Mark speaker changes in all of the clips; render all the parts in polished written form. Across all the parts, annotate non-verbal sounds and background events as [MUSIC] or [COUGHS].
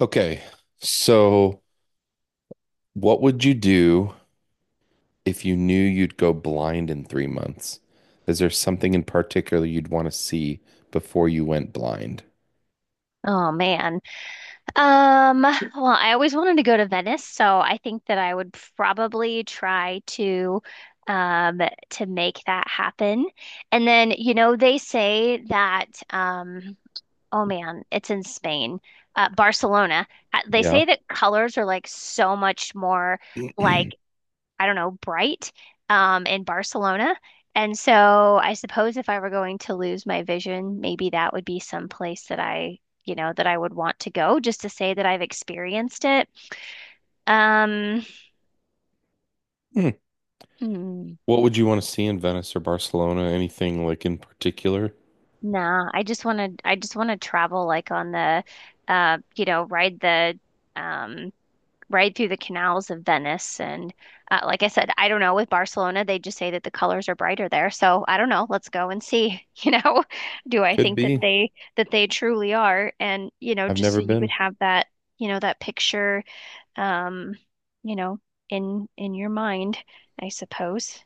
Speaker 1: Okay, so what would you do if you knew you'd go blind in 3 months? Is there something in particular you'd want to see before you went blind?
Speaker 2: Oh man. Well, I always wanted to go to Venice, so I think that I would probably try um to make that happen. And then, you know, they say that oh man, it's in Spain. Barcelona. They
Speaker 1: Yeah.
Speaker 2: say that colors are like so much more like I don't know, bright in Barcelona. And so I suppose if I were going to lose my vision, maybe that would be some place that I, you know, that I would want to go just to say that I've experienced it. Um,
Speaker 1: Hmm.
Speaker 2: hmm,
Speaker 1: What would you want to see in Venice or Barcelona? Anything like in particular?
Speaker 2: nah, I just want to travel like on the, you know, ride the, um, right through the canals of Venice. And like I said, I don't know with Barcelona, they just say that the colors are brighter there. So I don't know. Let's go and see. [LAUGHS] Do I
Speaker 1: Could
Speaker 2: think
Speaker 1: be.
Speaker 2: that they truly are? And you know,
Speaker 1: I've
Speaker 2: just so
Speaker 1: never
Speaker 2: you could
Speaker 1: been.
Speaker 2: have that, you know, that picture, um, you know, in your mind, I suppose.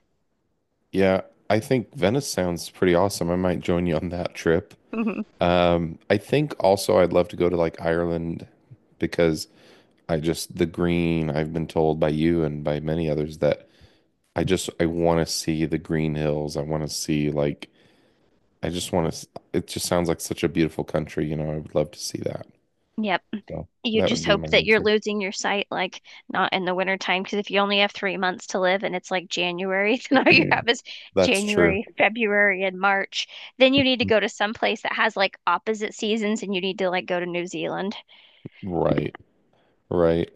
Speaker 1: Yeah, I think Venice sounds pretty awesome. I might join you on that trip.
Speaker 2: [LAUGHS]
Speaker 1: I think also I'd love to go to like Ireland because I just the green, I've been told by you and by many others that I just I want to see the green hills. I want to see like I just want to. It just sounds like such a beautiful country. You know, I would love to see that.
Speaker 2: Yep.
Speaker 1: So
Speaker 2: You
Speaker 1: that would
Speaker 2: just
Speaker 1: be my
Speaker 2: hope that you're
Speaker 1: answer.
Speaker 2: losing your sight, like not in the winter time, because if you only have 3 months to live and it's like January, [LAUGHS] then all you have is
Speaker 1: That's true.
Speaker 2: January, February, and March. Then you need to go to some place that has like opposite seasons, and you need to like go to New Zealand.
Speaker 1: Right. Right.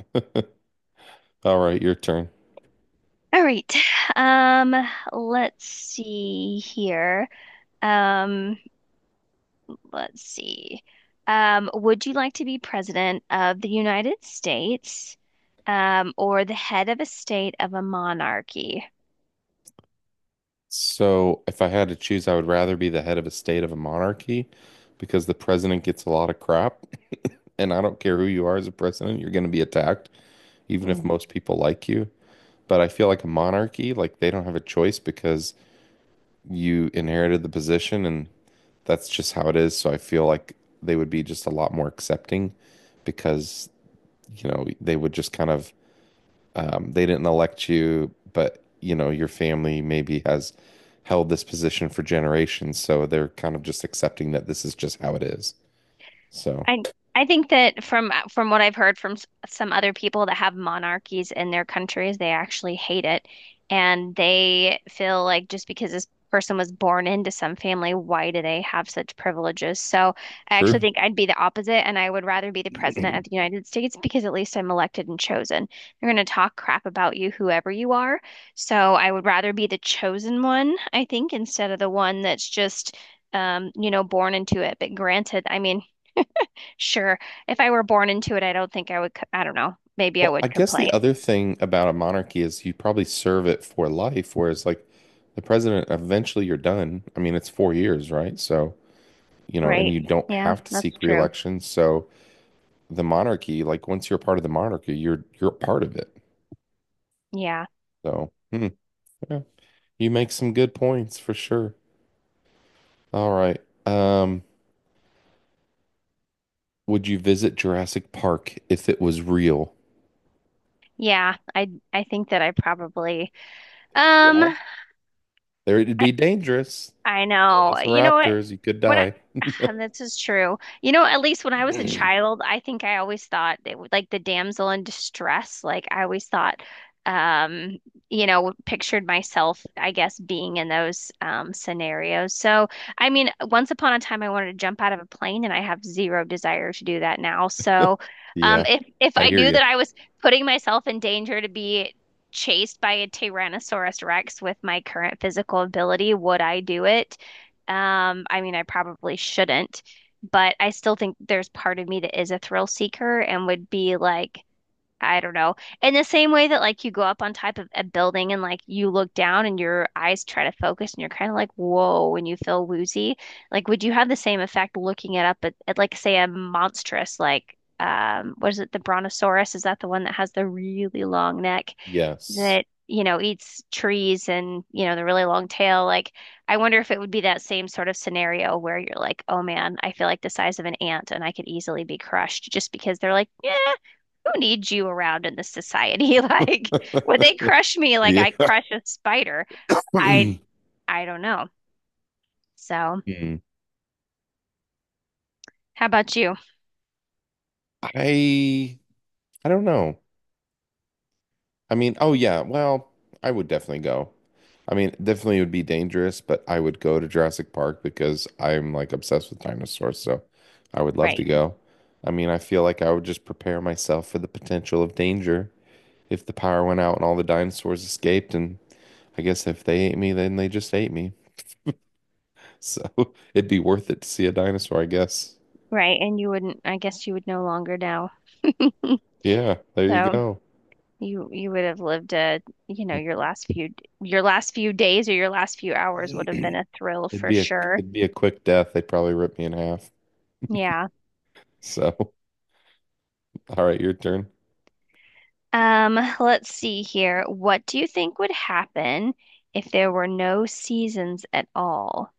Speaker 1: All right. Your turn.
Speaker 2: All right. Um, let's see here. Um, let's see. Would you like to be president of the United States, or the head of a state of a monarchy?
Speaker 1: So if I had to choose, I would rather be the head of a state of a monarchy because the president gets a lot of crap, [LAUGHS] and I don't care who you are as a president, you're going to be attacked, even if
Speaker 2: Hmm.
Speaker 1: most people like you. But I feel like a monarchy, like they don't have a choice because you inherited the position and that's just how it is. So I feel like they would be just a lot more accepting because, you know, they would just kind of, they didn't elect you, but, you know, your family maybe has held this position for generations. So they're kind of just accepting that this is just how it is. So
Speaker 2: I I think that from what I've heard from some other people that have monarchies in their countries, they actually hate it, and they feel like just because this person was born into some family, why do they have such privileges? So I actually
Speaker 1: true.
Speaker 2: think I'd be the opposite, and I would rather be the president of
Speaker 1: [CLEARS THROAT]
Speaker 2: the United States because at least I'm elected and chosen. They're going to talk crap about you, whoever you are. So I would rather be the chosen one, I think, instead of the one that's just you know, born into it. But granted, I mean. Sure. If I were born into it, I don't think I would, I don't know. Maybe I
Speaker 1: Well, I
Speaker 2: would
Speaker 1: guess the
Speaker 2: complain,
Speaker 1: other thing about a monarchy is you probably serve it for life, whereas like the president, eventually you're done. I mean, it's 4 years, right? So, you know, and
Speaker 2: right?
Speaker 1: you don't
Speaker 2: Yeah,
Speaker 1: have to
Speaker 2: that's
Speaker 1: seek
Speaker 2: true.
Speaker 1: reelection. So the monarchy, like once you're part of the monarchy, you're part of it.
Speaker 2: Yeah.
Speaker 1: So, hmm, yeah, you make some good points for sure. All right. Would you visit Jurassic Park if it was real?
Speaker 2: Yeah, I think that I probably
Speaker 1: Yeah.
Speaker 2: um
Speaker 1: There it'd be dangerous.
Speaker 2: I know. You know what?
Speaker 1: Velociraptors, you could
Speaker 2: When I,
Speaker 1: die. [LAUGHS]
Speaker 2: [SIGHS] and this is true. You know, at least when I was a child, I think I always thought it would like the damsel in distress. Like I always thought, um, you know, pictured myself, I guess, being in those scenarios. So, I mean, once upon a time, I wanted to jump out of a plane, and I have zero desire to do that now. So,
Speaker 1: Yeah,
Speaker 2: if
Speaker 1: I
Speaker 2: I
Speaker 1: hear
Speaker 2: knew
Speaker 1: you.
Speaker 2: that I was putting myself in danger to be chased by a Tyrannosaurus Rex with my current physical ability, would I do it? I mean, I probably shouldn't, but I still think there's part of me that is a thrill seeker and would be like, I don't know. In the same way that like you go up on top of a building and like you look down and your eyes try to focus and you're kind of like, whoa, and you feel woozy. Like, would you have the same effect looking it up at like say a monstrous like what is it, the Brontosaurus? Is that the one that has the really long neck
Speaker 1: Yes.
Speaker 2: that, you know, eats trees and, you know, the really long tail? Like, I wonder if it would be that same sort of scenario where you're like, oh man, I feel like the size of an ant and I could easily be crushed just because they're like, yeah who needs you around in this society? [LAUGHS] Like, would they
Speaker 1: [LAUGHS]
Speaker 2: crush me like
Speaker 1: Yeah.
Speaker 2: I crush a spider? I
Speaker 1: [CLEARS THROAT]
Speaker 2: I don't know. So,
Speaker 1: Hmm.
Speaker 2: how about you?
Speaker 1: I I don't know. I mean, oh yeah, well, I would definitely go. I mean, definitely it would be dangerous, but I would go to Jurassic Park because I'm like obsessed with dinosaurs, so I would love to
Speaker 2: Right,
Speaker 1: go. I mean, I feel like I would just prepare myself for the potential of danger if the power went out and all the dinosaurs escaped, and I guess if they ate me, then they just ate me. [LAUGHS] So it'd be worth it to see a dinosaur, I guess.
Speaker 2: right. And you wouldn't, I guess you would no longer know. [LAUGHS]
Speaker 1: Yeah, there you
Speaker 2: So
Speaker 1: go.
Speaker 2: you would have lived you know,
Speaker 1: [CLEARS THROAT]
Speaker 2: your last few days or your last few hours would have been a thrill
Speaker 1: It'd
Speaker 2: for
Speaker 1: be a
Speaker 2: sure.
Speaker 1: it'd be a quick death. They'd probably rip me in half.
Speaker 2: Yeah.
Speaker 1: So, [LAUGHS] all right, your turn.
Speaker 2: Let's see here. What do you think would happen if there were no seasons at all?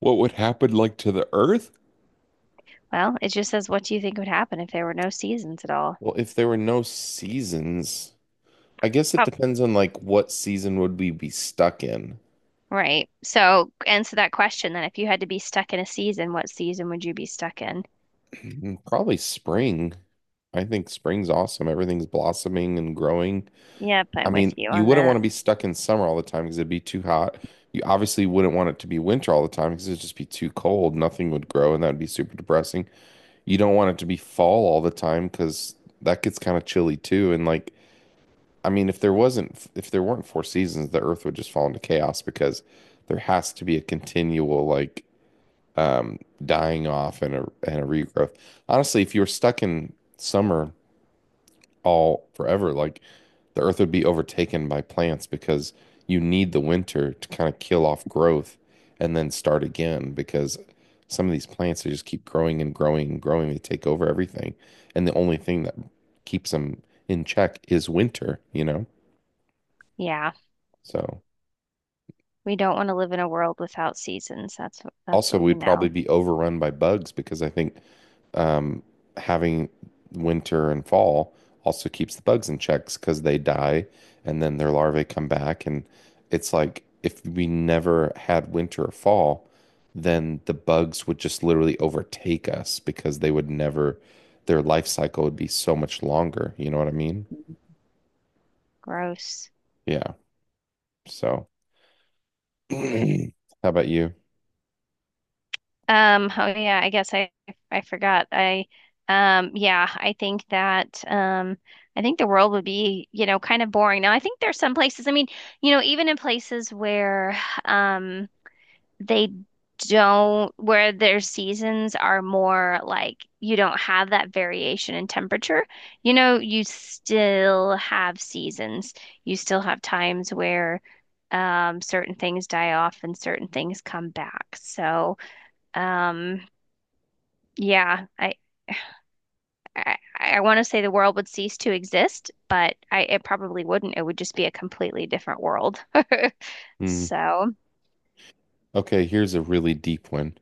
Speaker 1: What would happen like to the Earth?
Speaker 2: Well, it just says, what do you think would happen if there were no seasons at all?
Speaker 1: Well, if there were no seasons, I guess it
Speaker 2: Oh,
Speaker 1: depends on like what season would we be stuck in.
Speaker 2: right. So answer that question then. If you had to be stuck in a season, what season would you be stuck in?
Speaker 1: [CLEARS THROAT] Probably spring. I think spring's awesome. Everything's blossoming and growing.
Speaker 2: Yep,
Speaker 1: I
Speaker 2: I'm with
Speaker 1: mean,
Speaker 2: you
Speaker 1: you
Speaker 2: on
Speaker 1: wouldn't want
Speaker 2: that.
Speaker 1: to be stuck in summer all the time because it'd be too hot. You obviously wouldn't want it to be winter all the time because it'd just be too cold. Nothing would grow, and that'd be super depressing. You don't want it to be fall all the time because that gets kind of chilly too. And like I mean, if there weren't four seasons, the Earth would just fall into chaos because there has to be a continual like um, dying off and a regrowth. Honestly, if you were stuck in summer all forever, like the Earth would be overtaken by plants because you need the winter to kind of kill off growth and then start again because some of these plants they just keep growing and growing and growing. They take over everything, and the only thing that keeps them in check is winter, you know?
Speaker 2: Yeah,
Speaker 1: So.
Speaker 2: we don't want to live in a world without seasons. That's
Speaker 1: Also,
Speaker 2: what we
Speaker 1: we'd probably
Speaker 2: know.
Speaker 1: be overrun by bugs because I think um, having winter and fall also keeps the bugs in checks because they die and then their larvae come back. And it's like if we never had winter or fall, then the bugs would just literally overtake us because they would never, their life cycle would be so much longer. You know what I mean?
Speaker 2: Mhm. Gross.
Speaker 1: Yeah. So, [CLEARS THROAT] how about you?
Speaker 2: Oh yeah, I guess I forgot. I yeah, I think that I think the world would be, you know, kind of boring. Now, I think there's some places, I mean, you know, even in places where um they don't, where their seasons are more like you don't have that variation in temperature. You know, you still have seasons. You still have times where certain things die off and certain things come back. So, um, yeah, I want to say the world would cease to exist, but it probably wouldn't. It would just be a completely different world. [LAUGHS]
Speaker 1: Hmm.
Speaker 2: So.
Speaker 1: Okay, here's a really deep one.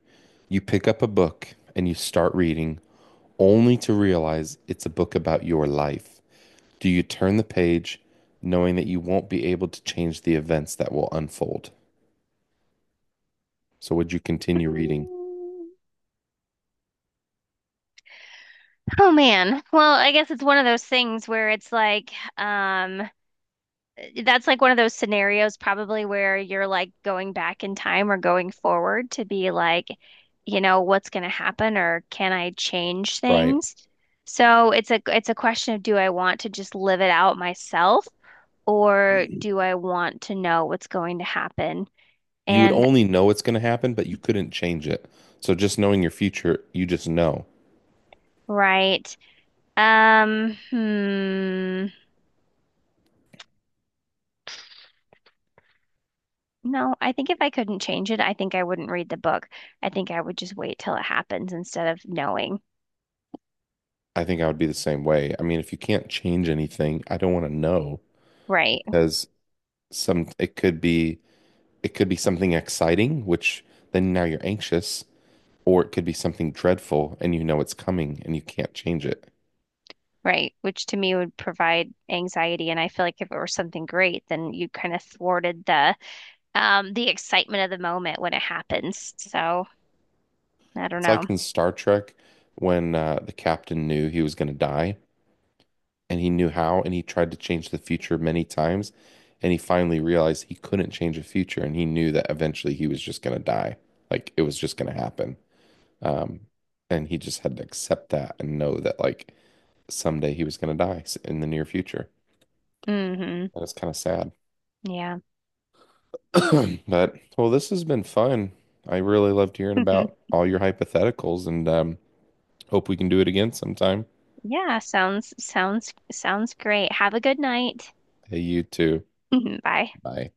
Speaker 1: You pick up a book and you start reading only to realize it's a book about your life? Do you turn the page knowing that you won't be able to change the events that will unfold? So would you continue reading?
Speaker 2: mm, Oh man. Well, I guess it's one of those things where it's like, um, that's like one of those scenarios probably where you're like going back in time or going forward to be like, you know, what's going to happen or can I change
Speaker 1: Right.
Speaker 2: things? So it's a question of do I want to just live it out myself or do I want to know what's going to happen?
Speaker 1: You would
Speaker 2: And
Speaker 1: only know it's going to happen, but you couldn't change it. So just knowing your future, you just know.
Speaker 2: right. Um, hmm. No, I think if I couldn't change it, I think I wouldn't read the book. I think I would just wait till it happens instead of knowing.
Speaker 1: I think I would be the same way. I mean, if you can't change anything, I don't want to know
Speaker 2: Right,
Speaker 1: because some it could be something exciting, which then now you're anxious, or it could be something dreadful and you know it's coming and you can't change it.
Speaker 2: right, which to me would provide anxiety. And I feel like if it were something great, then you kind of thwarted the excitement of the moment when it happens. So I don't
Speaker 1: It's like
Speaker 2: know.
Speaker 1: in Star Trek when the captain knew he was going to die and he knew how and he tried to change the future many times and he finally realized he couldn't change the future and he knew that eventually he was just going to die. Like it was just going to happen. Um, and he just had to accept that and know that like someday he was going to die in the near future.
Speaker 2: Hmm.
Speaker 1: And it's kind of sad.
Speaker 2: Yeah.
Speaker 1: [COUGHS] [CLEARS THROAT] But well, this has been fun. I really loved hearing about
Speaker 2: [LAUGHS]
Speaker 1: all your hypotheticals and hope we can do it again sometime.
Speaker 2: Yeah, sounds great. Have a good night.
Speaker 1: Hey, you too.
Speaker 2: [LAUGHS] Bye.
Speaker 1: Bye.